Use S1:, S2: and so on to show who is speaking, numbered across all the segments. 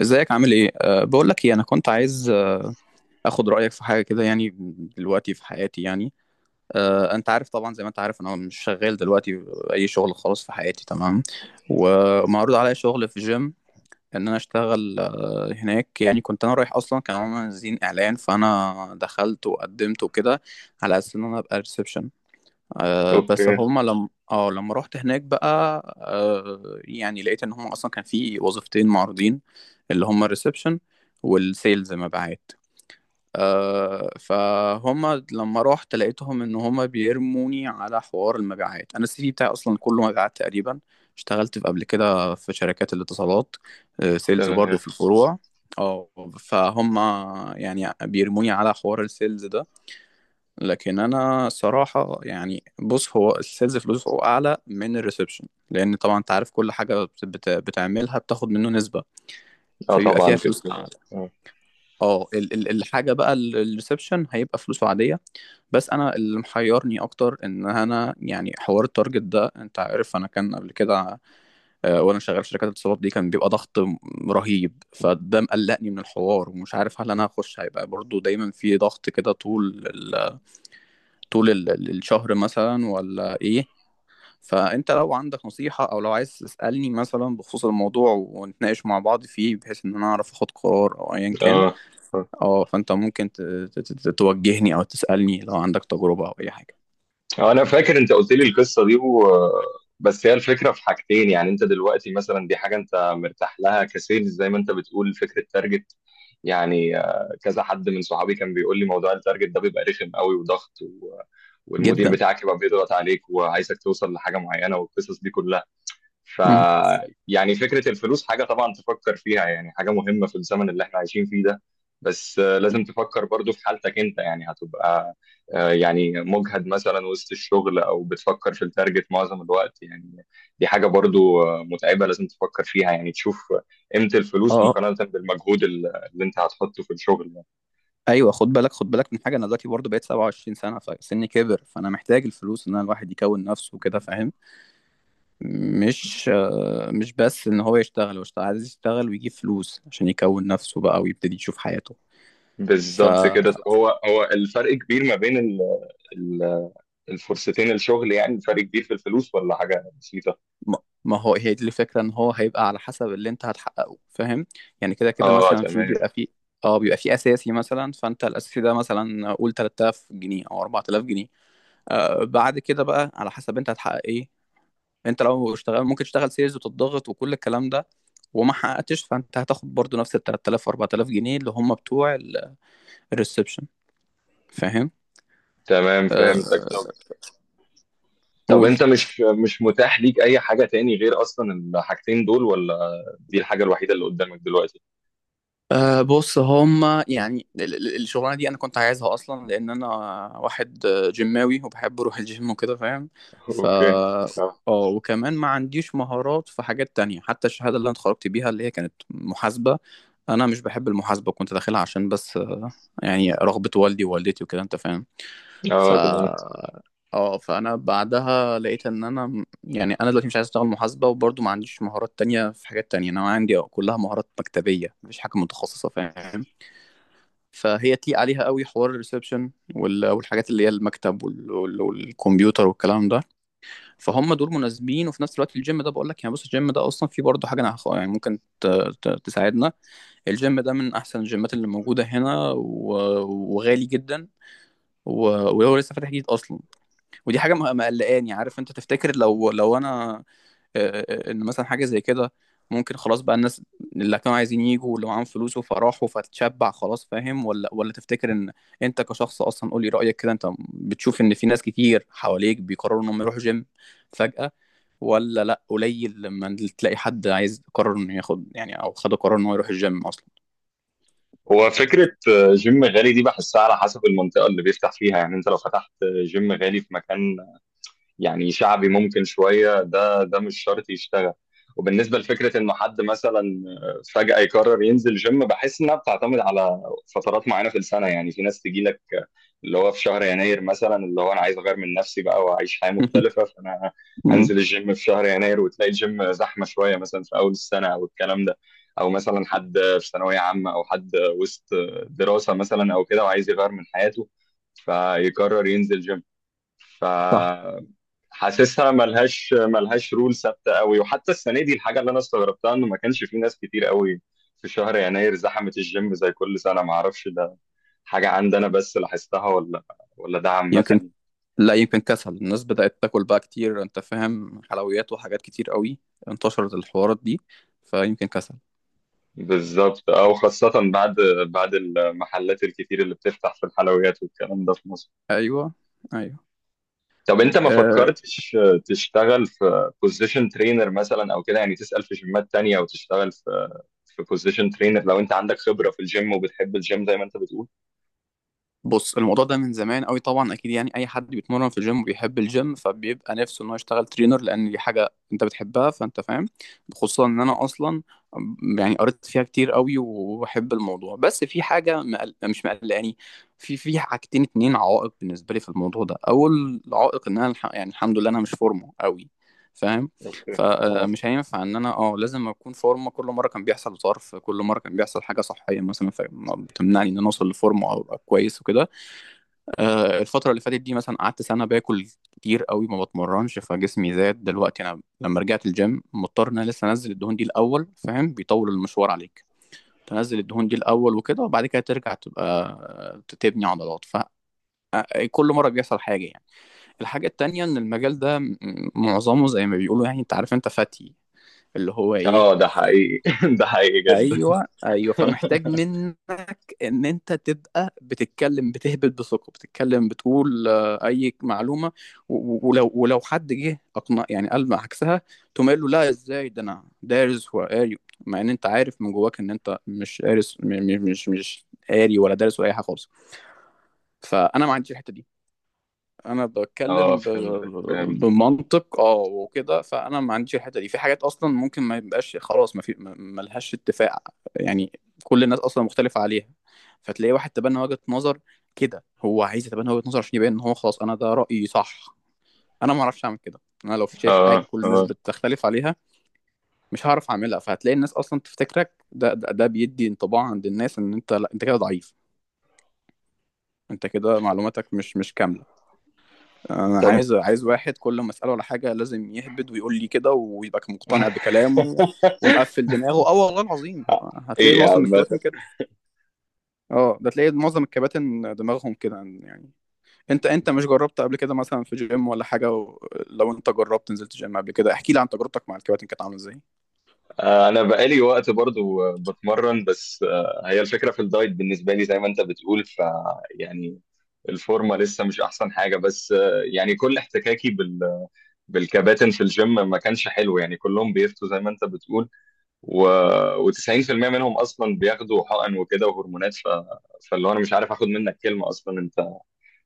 S1: ازيك، عامل ايه؟ بقول لك ايه، انا كنت عايز اخد رايك في حاجه كده يعني، دلوقتي في حياتي يعني. انت عارف طبعا، زي ما انت عارف انا مش شغال دلوقتي اي شغل خالص في حياتي، تمام. ومعروض عليا شغل في جيم، ان انا اشتغل هناك يعني. كنت انا رايح اصلا، كانوا عاملين اعلان، فانا دخلت وقدمت وكده، على اساس ان انا ابقى ريسبشن. بس
S2: اوكي.
S1: هما لما لما رحت هناك بقى. يعني لقيت ان هما اصلا كان في وظيفتين معروضين، اللي هما الريسبشن والسيلز، مبيعات. فهما لما رحت لقيتهم ان هما بيرموني على حوار المبيعات، انا السي في بتاعي اصلا كله مبيعات تقريبا. اشتغلت قبل كده في شركات الاتصالات، سيلز برضو
S2: تمام.
S1: في الفروع. اه فهم، يعني بيرموني على حوار السيلز ده. لكن انا صراحه يعني بص، هو السيلز فلوسه اعلى من الريسبشن، لان طبعا انت عارف كل حاجه بتعملها بتاخد منه نسبه،
S2: اه،
S1: فبيبقى فيها
S2: طبعا كده
S1: فلوس اعلى.
S2: كده. اه.
S1: اه الحاجه بقى، الريسبشن هيبقى فلوسه عاديه. بس انا اللي محيرني اكتر ان انا يعني حوار التارجت ده، انت عارف انا كان قبل كده وانا شغال في شركات الاتصالات دي، كان بيبقى ضغط رهيب، فده مقلقني من الحوار، ومش عارف هل انا هخش هيبقى برضو دايما في ضغط كده، طول الشهر مثلا ولا ايه؟ فانت لو عندك نصيحة او لو عايز تسألني مثلا بخصوص الموضوع، ونتناقش مع بعض فيه، بحيث ان انا اعرف اخد قرار او ايا كان.
S2: اه. آه.
S1: اه فانت ممكن توجهني او تسألني لو عندك تجربة او اي حاجة.
S2: انا فاكر انت قلت لي القصه دي. بس هي الفكره في حاجتين، يعني انت دلوقتي مثلا دي حاجه انت مرتاح لها كسيلز زي ما انت بتقول فكره تارجت. يعني كذا حد من صحابي كان بيقول لي موضوع التارجت ده بيبقى رخم قوي وضغط، والمدير
S1: جدا.
S2: بتاعك يبقى بيضغط عليك وعايزك توصل لحاجه معينه والقصص دي كلها. ف
S1: مم.
S2: يعني فكرة الفلوس حاجة طبعا تفكر فيها، يعني حاجة مهمة في الزمن اللي احنا عايشين فيه ده. بس لازم تفكر برضو في حالتك انت، يعني هتبقى يعني مجهد مثلا وسط الشغل او بتفكر في التارجت معظم الوقت يعني. دي حاجة برضو متعبة، لازم تفكر فيها، يعني تشوف قيمة الفلوس
S1: اه
S2: مقارنة بالمجهود اللي انت هتحطه في الشغل يعني.
S1: ايوه، خد بالك، خد بالك من حاجة. انا دلوقتي برضو بقيت 27 سنة، فسني كبر، فانا محتاج الفلوس ان انا الواحد يكون نفسه كده، فاهم. مش بس ان هو يشتغل، عايز يشتغل ويجيب فلوس عشان يكون نفسه بقى ويبتدي يشوف حياته. ف
S2: بالظبط كده، هو الفرق كبير ما بين ال- الفرصتين الشغل، يعني الفرق كبير في الفلوس ولا حاجة بسيطة؟
S1: ما ما هو، هي دي الفكرة، ان هو هيبقى على حسب اللي انت هتحققه، فاهم. يعني كده كده
S2: اه.
S1: مثلا، في
S2: تمام.
S1: بيبقى في اه بيبقى في اساسي مثلا، فانت الاساسي ده مثلا قول 3000 جنيه او 4000 جنيه. بعد كده بقى على حسب انت هتحقق ايه، انت لو اشتغل ممكن تشتغل سيلز وتضغط وكل الكلام ده، وما حققتش فانت هتاخد برضو نفس ال 3000 و 4000 جنيه اللي هم بتوع الريسبشن، فاهم.
S2: تمام،
S1: آه
S2: فهمتك. طب. طب
S1: قول.
S2: انت مش متاح ليك اي حاجة تاني غير اصلا الحاجتين دول، ولا دي الحاجة الوحيدة اللي قدامك دلوقتي؟
S1: بص، هما يعني الشغلانه دي انا كنت عايزها اصلا لان انا واحد جيماوي وبحب اروح الجيم وكده، فاهم. ف
S2: اوكي. اه.
S1: اه وكمان ما عنديش مهارات في حاجات تانية، حتى الشهاده اللي انا اتخرجت بيها اللي هي كانت محاسبه. انا مش بحب المحاسبه، كنت داخلها عشان بس يعني رغبه والدي ووالدتي وكده، انت فاهم. ف
S2: اه تمام.
S1: اه فانا بعدها لقيت ان انا يعني انا دلوقتي مش عايز اشتغل محاسبه، وبرضه ما عنديش مهارات تانية في حاجات تانية، انا عندي كلها مهارات مكتبيه، مفيش حاجه متخصصه، فاهم. فهي تليق عليها قوي حوار الريسبشن والحاجات اللي هي المكتب والكمبيوتر والكلام ده، فهم دول مناسبين. وفي نفس الوقت الجيم ده، بقول لك يعني بص، الجيم ده اصلا فيه برضه حاجه انا يعني ممكن تساعدنا. الجيم ده من احسن الجيمات اللي موجوده هنا، وغالي جدا، و- وهو لسه فاتح جديد اصلا، ودي حاجه مقلقاني. عارف، انت تفتكر لو انا ان مثلا حاجه زي كده ممكن خلاص بقى الناس اللي كانوا عايزين يجوا واللي معاهم فلوس فراحوا فتشبع خلاص، فاهم؟ ولا تفتكر ان انت كشخص اصلا، قولي رايك كده، انت بتشوف ان في ناس كتير حواليك بيقرروا انهم يروحوا جيم فجاه، ولا لا، قليل لما تلاقي حد عايز قرر انه ياخد يعني او خد قرار انه يروح الجيم اصلا؟
S2: هو فكرة جيم غالي دي بحسها على حسب المنطقة اللي بيفتح فيها، يعني انت لو فتحت جيم غالي في مكان يعني شعبي ممكن شوية، ده مش شرط يشتغل. وبالنسبة لفكرة إنه حد مثلا فجأة يقرر ينزل جيم، بحس إنها بتعتمد على فترات معينة في السنة، يعني في ناس تجي لك اللي هو في شهر يناير مثلا، اللي هو أنا عايز أغير من نفسي بقى وأعيش حياة مختلفة، فأنا
S1: مم.
S2: هنزل الجيم في شهر يناير وتلاقي الجيم زحمة شوية مثلا في أول السنة أو الكلام ده، أو مثلا حد في ثانوية عامة أو حد وسط دراسة مثلا أو كده وعايز يغير من حياته فيقرر ينزل جيم. ف
S1: صح.
S2: حاسسها ملهاش رول ثابته قوي. وحتى السنه دي الحاجه اللي انا استغربتها انه ما كانش في ناس كتير قوي في شهر يناير زحمت الجيم زي كل سنه. ما اعرفش، ده حاجه عندي انا بس لاحظتها، ولا ده
S1: يمكن،
S2: عامه؟
S1: لا، يمكن كسل الناس بدأت تاكل بقى كتير، انت فاهم، حلويات وحاجات كتير قوي انتشرت الحوارات دي، فيمكن كسل.
S2: بالظبط اه، وخاصة بعد المحلات الكتير اللي بتفتح في الحلويات والكلام ده في مصر.
S1: ايوه، ايوه.
S2: طب انت ما
S1: آه،
S2: فكرتش تشتغل في بوزيشن ترينر مثلا او كده، يعني تسأل في جيمات تانية وتشتغل في بوزيشن ترينر لو انت عندك خبرة في الجيم وبتحب الجيم زي ما انت بتقول.
S1: بص، الموضوع ده من زمان قوي طبعا اكيد، يعني اي حد بيتمرن في الجيم وبيحب الجيم فبيبقى نفسه ان هو يشتغل ترينر، لان دي حاجه انت بتحبها فانت فاهم. خصوصا ان انا اصلا يعني قريت فيها كتير قوي وبحب الموضوع، بس في حاجه مش مقلقاني. في حاجتين، اتنين عوائق بالنسبه لي في الموضوع ده. اول عائق، ان انا يعني الحمد لله انا مش فورمه قوي، فاهم.
S2: اوكي. اه.
S1: فمش هينفع ان انا لازم اكون فورمه، كل مره كان بيحصل ظرف، كل مره كان بيحصل حاجه صحيه مثلا، فبتمنعني ان انا اوصل لفورمه او ابقى كويس وكده. الفترة اللي فاتت دي مثلا قعدت سنة باكل كتير قوي، ما بتمرنش فجسمي زاد. دلوقتي أنا لما رجعت الجيم، مضطر إن أنا لسه أنزل الدهون دي الأول، فاهم، بيطول المشوار عليك تنزل الدهون دي الأول وكده، وبعد كده ترجع تبقى تبني عضلات. ف آه، كل مرة بيحصل حاجة يعني. الحاجة التانية، إن المجال ده معظمه زي ما بيقولوا يعني، أنت عارف أنت فاتي، اللي هو إيه.
S2: اه ده حقيقي. ده حقيقي جدا.
S1: ايوه، ايوه، فمحتاج منك ان انت تبقى بتتكلم، بتهبط بثقه، بتتكلم بتقول اي معلومه، ولو حد جه اقنع يعني قال عكسها، تقوم قايل له لا ازاي ده انا دارس وقاري، مع ان انت عارف من جواك ان انت مش قارس، مش قاري ولا دارس ولا اي حاجه خالص. فانا ما عنديش الحته دي، انا
S2: اه،
S1: بتكلم
S2: فهمتك، فهمت.
S1: بمنطق وكده، فانا ما عنديش الحته دي في حاجات اصلا ممكن ما يبقاش خلاص، ما في، ما لهاش اتفاق يعني، كل الناس اصلا مختلفه عليها. فتلاقي واحد تبنى وجهه نظر كده، هو عايز يتبنى وجهه نظر عشان يبين ان هو خلاص انا ده رايي صح. انا ما اعرفش اعمل كده، انا لو شايف حاجه
S2: اه.
S1: كل الناس
S2: اه.
S1: بتختلف عليها مش هعرف اعملها، فهتلاقي الناس اصلا تفتكرك، ده بيدي انطباع عند الناس ان انت، لا، انت كده ضعيف، انت كده معلوماتك مش كامله. انا
S2: طب.
S1: عايز، واحد كل ما اساله على حاجه لازم يهبد ويقول لي كده ويبقى مقتنع بكلامه ومقفل دماغه. اه والله العظيم هتلاقي
S2: حقيقي
S1: معظم
S2: عامة.
S1: الكباتن كده. اه ده تلاقي معظم الكباتن دماغهم كده يعني. انت مش جربت قبل كده مثلا في جيم ولا حاجه لو انت جربت نزلت جيم قبل كده احكي لي عن تجربتك مع الكباتن كانت عامله ازاي؟
S2: انا بقالي وقت برضو بتمرن، بس هي الفكرة في الدايت بالنسبة لي زي ما انت بتقول. يعني الفورمة لسه مش احسن حاجة، بس يعني كل احتكاكي بالكباتن في الجيم ما كانش حلو، يعني كلهم بيفتوا زي ما انت بتقول و... و90% منهم اصلا بياخدوا حقن وكده وهرمونات، فاللي هو انا مش عارف اخد منك كلمه اصلا انت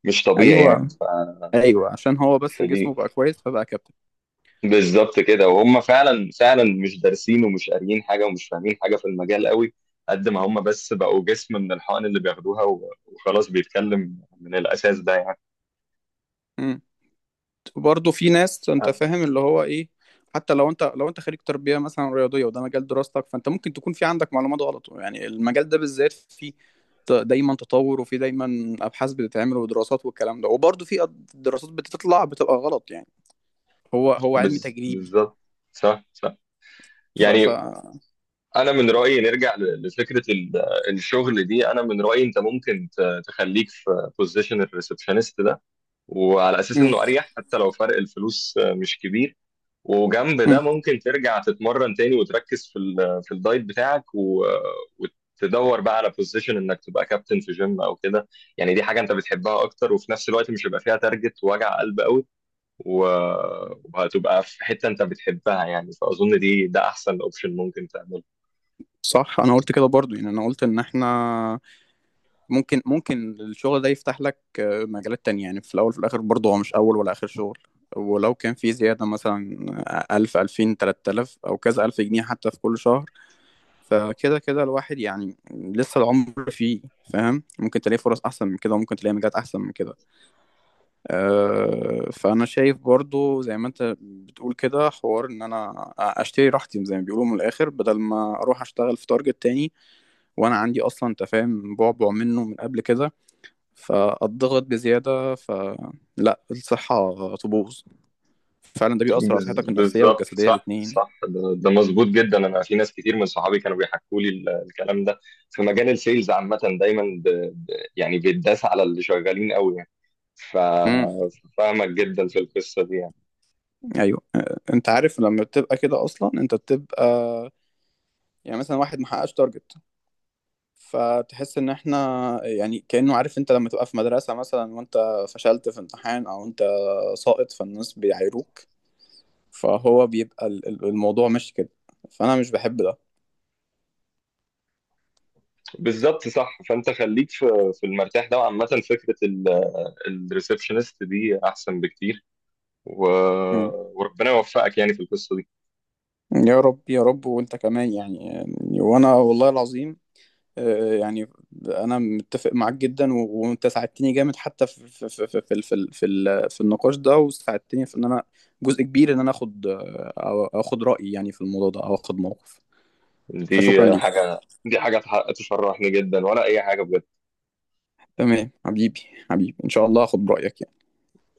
S2: مش طبيعي يعني
S1: ايوه،
S2: ف...
S1: ايوه، عشان هو بس جسمه
S2: فدي
S1: بقى كويس فبقى كابتن.
S2: بالظبط كده. وهم فعلا فعلا مش دارسين ومش قاريين حاجه ومش فاهمين حاجه في المجال قوي، قد ما هم بس بقوا جسم من الحقن اللي بياخدوها، وخلاص بيتكلم من الاساس ده يعني.
S1: مم. وبرضه في ناس، انت فاهم اللي هو ايه، حتى لو انت، خريج تربيه مثلا رياضيه وده مجال دراستك، فانت ممكن تكون في عندك معلومات غلط يعني، المجال ده بالذات فيه دايما تطور، وفي دايما ابحاث بتتعمل ودراسات والكلام ده، وبرضه في دراسات بتطلع بتبقى غلط يعني، هو هو علم تجريبي.
S2: بالظبط. صح. صح،
S1: ف ف
S2: يعني انا من رايي نرجع لفكره الشغل دي. انا من رايي انت ممكن تخليك في بوزيشن الريسبشنست ده، وعلى اساس انه اريح حتى لو فرق الفلوس مش كبير، وجنب ده
S1: مم.
S2: ممكن ترجع تتمرن تاني وتركز في في الدايت بتاعك، وتدور بقى على بوزيشن انك تبقى كابتن في جيم او كده، يعني دي حاجه انت بتحبها اكتر وفي نفس الوقت مش هيبقى فيها تارجت ووجع قلب قوي و- وهتبقى في حته انت بتحبها يعني، فاظن ده احسن اوبشن ممكن تعمله.
S1: صح، انا قلت كده برضو، يعني انا قلت ان احنا ممكن الشغل ده يفتح لك مجالات تانية، يعني في الاول في الاخر برضو هو مش اول ولا اخر شغل، ولو كان في زيادة مثلا 1000، 2000، 3000 أو كذا ألف جنيه حتى، في كل شهر، فكده كده الواحد يعني لسه العمر فيه، فاهم، ممكن تلاقي فرص أحسن من كده وممكن تلاقي مجالات أحسن من كده. فأنا شايف برضو زي ما أنت بتقول كده، حوار إن أنا أشتري راحتي زي ما بيقولوا من الآخر، بدل ما أروح أشتغل في تارجت تاني، وانا عندي اصلا انت فاهم بعبع منه من قبل كده، فاتضغط بزياده، فلا، الصحه تبوظ فعلا، ده بيأثر على صحتك النفسيه
S2: بالظبط.
S1: والجسديه
S2: صح.
S1: الاتنين.
S2: صح. ده مظبوط جدا. انا في ناس كتير من صحابي كانوا بيحكوا لي الكلام ده في مجال السيلز عامه دايما ب... يعني بيتداس على اللي شغالين قوي يعني. ف-
S1: امم،
S2: ففاهمك جدا في القصه دي يعني.
S1: ايوه. انت عارف لما بتبقى كده اصلا انت بتبقى يعني، مثلا واحد محققش تارجت، فتحس ان احنا يعني كأنه، عارف انت لما تبقى في مدرسة مثلا وانت فشلت في امتحان او انت ساقط فالناس بيعايروك، فهو بيبقى الموضوع ماشي كده، فانا مش بحب ده.
S2: بالظبط صح، فانت خليك في المرتاح ده، وعامه فكره الريسبشنست دي احسن بكتير و... وربنا يوفقك يعني في القصه دي.
S1: يا رب، يا رب، وانت كمان يعني، وانا والله العظيم يعني انا متفق معاك جدا، وانت ساعدتني جامد، حتى في النقاش ده، وساعدتني في ان انا جزء كبير، ان انا اخد اخد رأيي يعني في الموضوع ده او اخد موقف، فشكرا
S2: دي
S1: ليك.
S2: حاجه دي حاجه تشرحني جدا ولا اي حاجه بجد.
S1: تمام حبيبي، حبيبي، ان شاء الله اخد برأيك.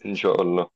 S2: ان شاء الله.